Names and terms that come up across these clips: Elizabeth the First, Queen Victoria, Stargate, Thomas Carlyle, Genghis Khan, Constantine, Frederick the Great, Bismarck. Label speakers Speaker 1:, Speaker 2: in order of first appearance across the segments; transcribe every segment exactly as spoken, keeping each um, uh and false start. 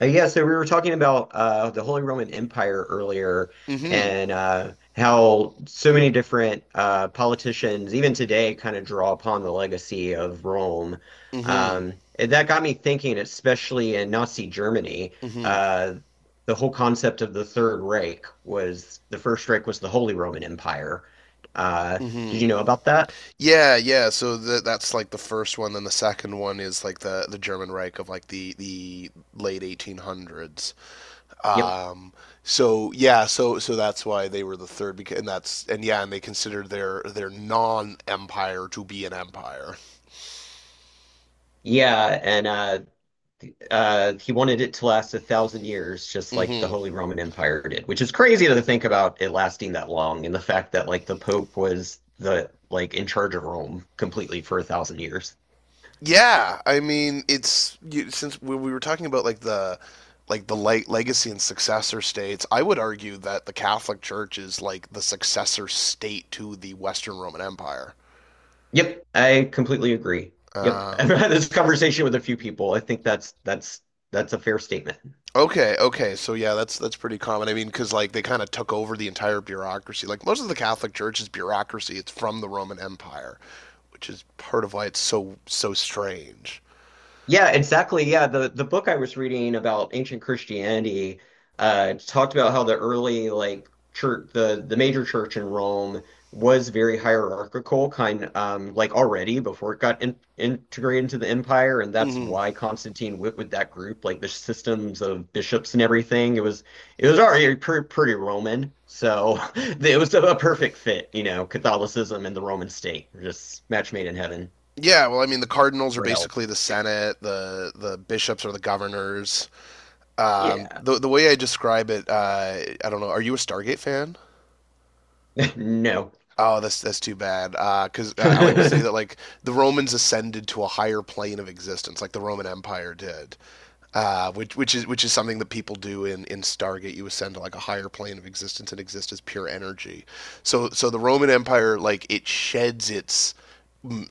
Speaker 1: Uh, Yeah, so we were talking about uh, the Holy Roman Empire earlier
Speaker 2: Mm-hmm.
Speaker 1: and uh, how so many different uh, politicians, even today, kind of draw upon the legacy of Rome.
Speaker 2: Mm-hmm.
Speaker 1: Um, and that got me thinking, especially in Nazi Germany,
Speaker 2: Mm-hmm.
Speaker 1: uh, the whole concept of the Third Reich was the First Reich was the Holy Roman Empire. Uh, did
Speaker 2: Mm-hmm.
Speaker 1: you know about that?
Speaker 2: Yeah, yeah. So the, that's like the first one. Then the second one is like the the German Reich of like the the late eighteen hundreds.
Speaker 1: Yep.
Speaker 2: Um. So yeah. So so that's why they were the third. Because and that's and yeah. And they considered their their non empire to be an empire.
Speaker 1: Yeah, and uh, uh, he wanted it to last a thousand years, just like the
Speaker 2: Mm-hmm.
Speaker 1: Holy Roman Empire did, which is crazy to think about it lasting that long, and the fact that like the Pope was the like in charge of Rome completely for a thousand years.
Speaker 2: Yeah, I mean, it's you, since we, we were talking about like the like the light legacy and successor states, I would argue that the Catholic Church is like the successor state to the Western Roman Empire.
Speaker 1: Yep, I completely agree. Yep, I've
Speaker 2: Um,
Speaker 1: had this conversation with a few people. I think that's that's that's a fair statement.
Speaker 2: okay, okay, so yeah, that's that's pretty common. I mean, because like they kind of took over the entire bureaucracy. Like most of the Catholic Church is bureaucracy; it's from the Roman Empire, which is part of why it's so so strange.
Speaker 1: Yeah, exactly. Yeah, the the book I was reading about ancient Christianity uh talked about how the early like church the the major church in Rome was very hierarchical kind um like already before it got in, integrated into the empire, and that's
Speaker 2: hmm
Speaker 1: why Constantine went with that group, like the systems of bishops and everything. It was it was already pretty, pretty Roman, so it was a, perfect fit you know Catholicism and the Roman state, just match made in heaven
Speaker 2: Yeah, well, I mean, the cardinals are
Speaker 1: or hell.
Speaker 2: basically the Senate, the the bishops are the governors. Um,
Speaker 1: Yeah.
Speaker 2: the the way I describe it, uh, I don't know. Are you a Stargate fan?
Speaker 1: No.
Speaker 2: Oh, that's that's too bad. Because uh, I like to say that like the Romans ascended to a higher plane of existence, like the Roman Empire did. Uh, which which is which is something that people do in, in Stargate. You ascend to like a higher plane of existence and exist as pure energy. So so the Roman Empire, like, it sheds its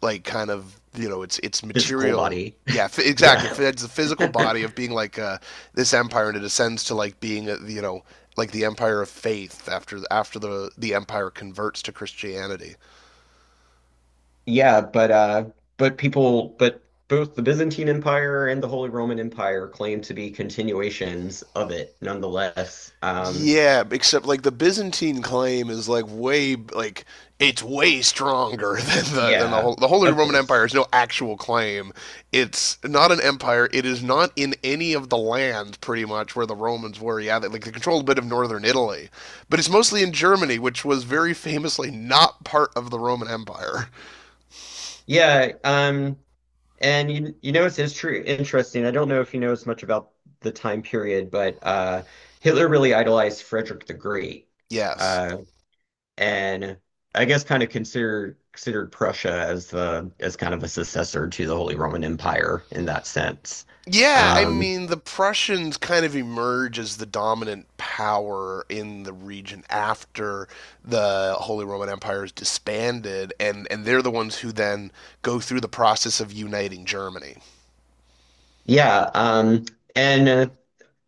Speaker 2: like, kind of, you know, it's it's
Speaker 1: Physical
Speaker 2: material.
Speaker 1: body.
Speaker 2: Yeah f- exactly,
Speaker 1: Yeah.
Speaker 2: it's the physical body of being like, uh, this empire, and it ascends to like being a, you know, like the empire of faith after after the the empire converts to Christianity.
Speaker 1: Yeah, but uh but people but both the Byzantine Empire and the Holy Roman Empire claim to be continuations of it nonetheless. Um
Speaker 2: Yeah, except like the Byzantine claim is like way like it's way stronger than the than the
Speaker 1: yeah,
Speaker 2: whole the Holy
Speaker 1: of
Speaker 2: Roman
Speaker 1: course.
Speaker 2: Empire is no actual claim. It's not an empire. It is not in any of the lands pretty much where the Romans were. Yeah, they, like they controlled a bit of northern Italy, but it's mostly in Germany, which was very famously not part of the Roman Empire.
Speaker 1: Yeah, um and you you know it's, it's true interesting. I don't know if you know as much about the time period, but uh Hitler really idolized Frederick the Great.
Speaker 2: Yes.
Speaker 1: Uh and I guess kind of consider considered Prussia as the as kind of a successor to the Holy Roman Empire in that sense.
Speaker 2: Yeah, I
Speaker 1: Um,
Speaker 2: mean, the Prussians kind of emerge as the dominant power in the region after the Holy Roman Empire is disbanded, and, and they're the ones who then go through the process of uniting Germany.
Speaker 1: yeah, um, and uh,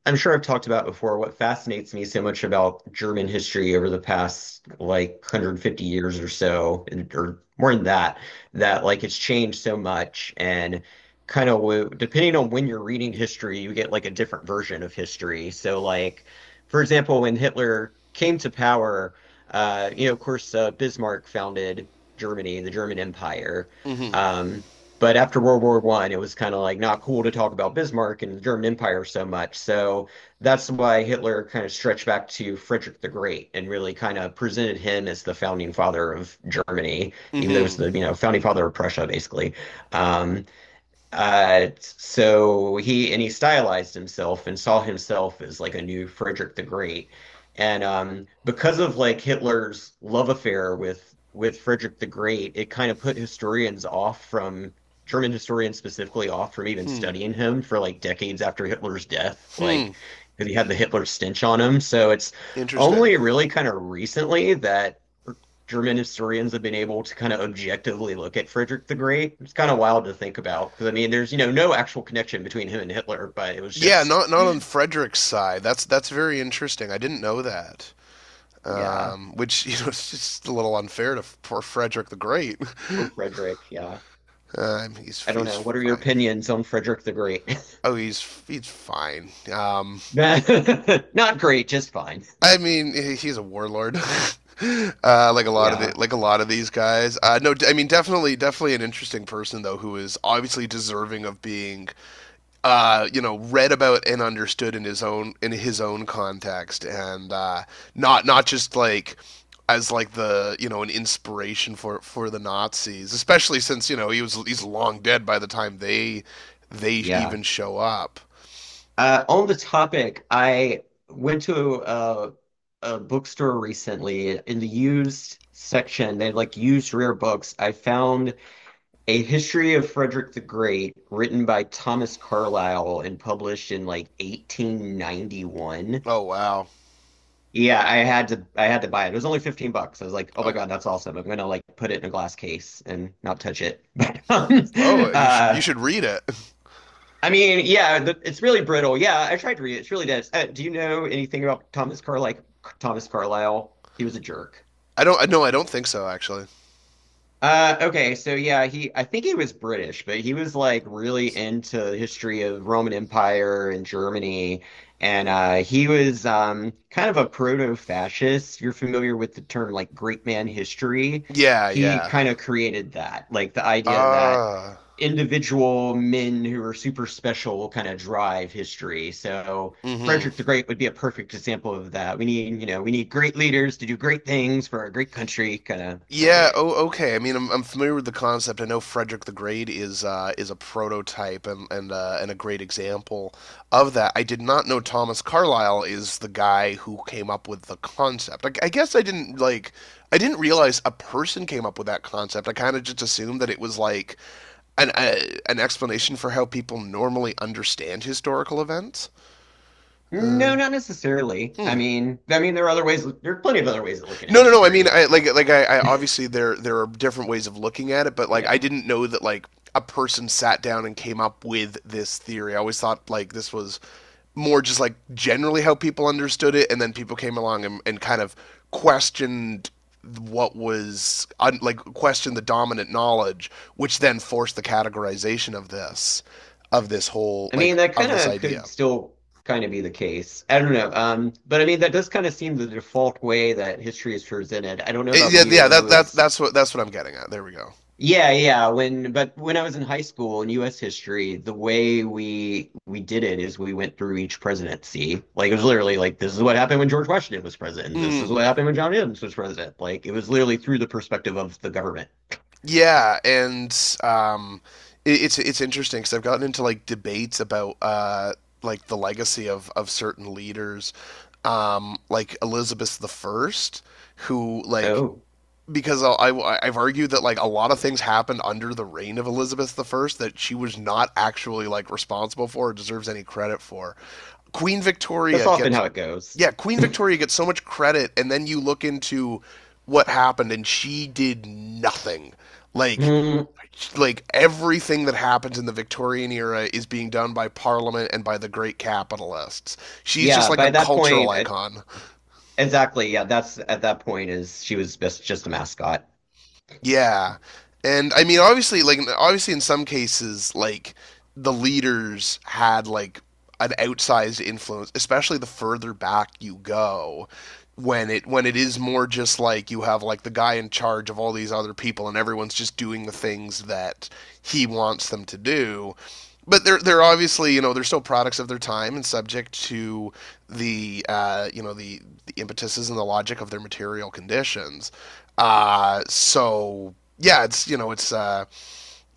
Speaker 1: I'm sure I've talked about before what fascinates me so much about German history over the past like one hundred fifty years or so, and- or more than that, that like it's changed so much. And kind of depending on when you're reading history, you get like a different version of history. So, like, for example, when Hitler came to power, uh, you know, of course, uh, Bismarck founded Germany, the German Empire.
Speaker 2: Hmm.
Speaker 1: Um, but after World War One, it was kind of like not cool to talk about Bismarck and the German Empire so much. So that's why Hitler kind of stretched back to Frederick the Great and really kind of presented him as the founding father of Germany, even though it was
Speaker 2: Hmm.
Speaker 1: the, you know, founding father of Prussia, basically. Um, uh, so he and he stylized himself and saw himself as like a new Frederick the Great. And um, because of like Hitler's love affair with with Frederick the Great, it kind of put historians off from German historians specifically off from even
Speaker 2: Hmm.
Speaker 1: studying him for like decades after Hitler's death,
Speaker 2: Hmm.
Speaker 1: like because he had the Hitler stench on him. So it's
Speaker 2: Interesting.
Speaker 1: only really kind of recently that German historians have been able to kind of objectively look at Frederick the Great. It's kind of wild to think about because I mean, there's, you know, no actual connection between him and Hitler, but it was
Speaker 2: Yeah,
Speaker 1: just,
Speaker 2: not not on Frederick's side. That's that's very interesting. I didn't know that.
Speaker 1: yeah,
Speaker 2: Um, which you know, it's just a little unfair to poor Frederick the Great.
Speaker 1: or Frederick. Yeah.
Speaker 2: Um, he's
Speaker 1: I don't
Speaker 2: he's
Speaker 1: know. What are your
Speaker 2: fine.
Speaker 1: opinions on Frederick the Great?
Speaker 2: Oh, he's he's fine. Um,
Speaker 1: Not great, just fine.
Speaker 2: I mean, he's a warlord, uh, like a lot of the
Speaker 1: Yeah.
Speaker 2: like a lot of these guys. Uh, no, I mean, definitely, definitely an interesting person though, who is obviously deserving of being, uh, you know, read about and understood in his own in his own context, and uh, not not just like as like the, you know, an inspiration for for the Nazis, especially since, you know, he was he's long dead by the time they they
Speaker 1: Yeah.
Speaker 2: even show up.
Speaker 1: Uh, on the topic, I went to a, a bookstore recently in the used section. They had, like, used rare books. I found A History of Frederick the Great, written by Thomas Carlyle and published in like eighteen ninety-one.
Speaker 2: Oh wow.
Speaker 1: Yeah, I had to I had to buy it. It was only fifteen bucks. I was like, "Oh my
Speaker 2: Oh
Speaker 1: God, that's awesome. I'm gonna like put it in a glass case and not touch it." But um,
Speaker 2: oh, you should
Speaker 1: uh
Speaker 2: you should read it.
Speaker 1: I mean, yeah, the, it's really brittle. Yeah, I tried to read it. It's really dense. Uh, do you know anything about Thomas Carlyle? Thomas Carlyle? He was a jerk.
Speaker 2: I don't. I no, I don't think so, actually.
Speaker 1: Uh, okay, so yeah, he I think he was British, but he was like really into the history of Roman Empire and Germany, and uh, he was um, kind of a proto-fascist. You're familiar with the term like great man history.
Speaker 2: Yeah.
Speaker 1: He
Speaker 2: Yeah.
Speaker 1: kind of created that, like the idea that
Speaker 2: Ah.
Speaker 1: individual men who are super special will kind of drive history. So
Speaker 2: mm hmm
Speaker 1: Frederick the Great would be a perfect example of that. We need, you know, we need great leaders to do great things for our great country, kind of.
Speaker 2: Yeah. Oh. Okay. I mean, I'm, I'm familiar with the concept. I know Frederick the Great is, uh, is a prototype and and uh, and a great example of that. I did not know Thomas Carlyle is the guy who came up with the concept. I, I guess I didn't like. I didn't realize a person came up with that concept. I kind of just assumed that it was like an uh, an explanation for how people normally understand historical events. Uh,
Speaker 1: No, not necessarily. I
Speaker 2: hmm.
Speaker 1: mean, I mean, there are other ways. There are plenty of other ways of looking at
Speaker 2: No, no, no. I mean,
Speaker 1: history.
Speaker 2: I
Speaker 1: Sure.
Speaker 2: like like I, I obviously there there are different ways of looking at it, but like I
Speaker 1: Yeah.
Speaker 2: didn't know that like a person sat down and came up with this theory. I always thought like this was more just like generally how people understood it, and then people came along and, and kind of questioned what was un, like questioned the dominant knowledge, which then forced the categorization of this of this whole
Speaker 1: I
Speaker 2: like
Speaker 1: mean, that
Speaker 2: of
Speaker 1: kind
Speaker 2: this
Speaker 1: of
Speaker 2: idea.
Speaker 1: could still kind of be the case. I don't know. Um, but I mean, that does kind of seem the default way that history is presented. I don't know
Speaker 2: It-
Speaker 1: about
Speaker 2: yeah,
Speaker 1: you.
Speaker 2: yeah.
Speaker 1: When I
Speaker 2: That that
Speaker 1: was,
Speaker 2: that's what that's what I'm getting at. There we go.
Speaker 1: yeah, yeah, when, but when I was in high school in U S history, the way we we did it is we went through each presidency. Like it was literally like this is what happened when George Washington was president. This is
Speaker 2: Mm.
Speaker 1: what happened when John Adams was president. Like it was literally through the perspective of the government.
Speaker 2: Yeah, and um, it, it's it's interesting because I've gotten into like debates about, uh, like the legacy of of certain leaders, um, like Elizabeth the First, who like,
Speaker 1: Oh,
Speaker 2: because I, I have argued that like a lot of things happened under the reign of Elizabeth the First that she was not actually like responsible for or deserves any credit for. Queen
Speaker 1: that's
Speaker 2: Victoria
Speaker 1: often
Speaker 2: gets
Speaker 1: how it goes.
Speaker 2: yeah, Queen Victoria gets so much credit, and then you look into what happened, and she did nothing. Like,
Speaker 1: Mm,
Speaker 2: like everything that happens in the Victorian era is being done by Parliament and by the great capitalists. She's just
Speaker 1: yeah,
Speaker 2: like
Speaker 1: by
Speaker 2: a
Speaker 1: that
Speaker 2: cultural
Speaker 1: point, I,
Speaker 2: icon.
Speaker 1: exactly. Yeah, that's at that point is she was just just a mascot.
Speaker 2: Yeah, and I mean, obviously, like, obviously, in some cases, like the leaders had like an outsized influence, especially the further back you go when it when it is more just like you have like the guy in charge of all these other people and everyone's just doing the things that he wants them to do, but they're they're obviously, you know, they're still products of their time and subject to the, uh, you know, the, the impetuses and the logic of their material conditions. Uh, so yeah, it's you know it's, uh,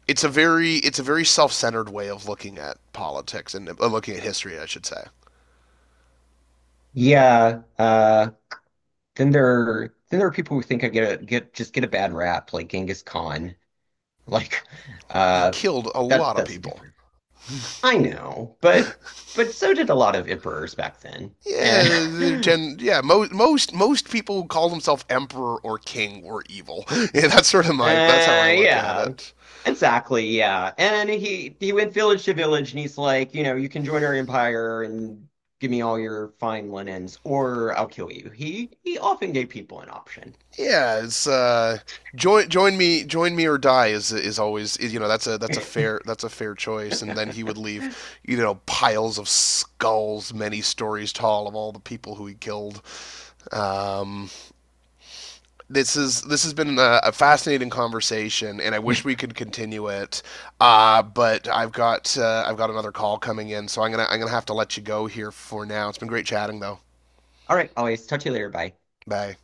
Speaker 2: it's a very, it's a very self-centered way of looking at politics and, uh, looking at history, I should say.
Speaker 1: Yeah. Uh, then there then there are people who think I get a get just get a bad rap, like Genghis Khan. Like,
Speaker 2: He
Speaker 1: uh,
Speaker 2: killed a
Speaker 1: that
Speaker 2: lot of
Speaker 1: that's
Speaker 2: people.
Speaker 1: different. I know,
Speaker 2: yeah,
Speaker 1: but but so did a lot of emperors back then. And
Speaker 2: they're
Speaker 1: uh,
Speaker 2: gen- yeah. Most most most people who call themselves emperor or king were evil. yeah, that's sort of my, that's how I look at
Speaker 1: yeah,
Speaker 2: it.
Speaker 1: exactly, yeah. And he he went village to village and he's like, you know, you can join our empire and give me all your fine linens, or I'll kill you. He he often gave people an option.
Speaker 2: Yeah, it's, uh, join join me join me or die is is always is, you know, that's a that's a fair that's a fair choice. And then he would leave, you know, piles of skulls many stories tall of all the people who he killed. Um, this is this has been a, a fascinating conversation, and I wish we could continue it. Uh, but I've got uh, I've got another call coming in, so I'm gonna I'm gonna have to let you go here for now. It's been great chatting though.
Speaker 1: All right, always talk to you later. Bye.
Speaker 2: Bye.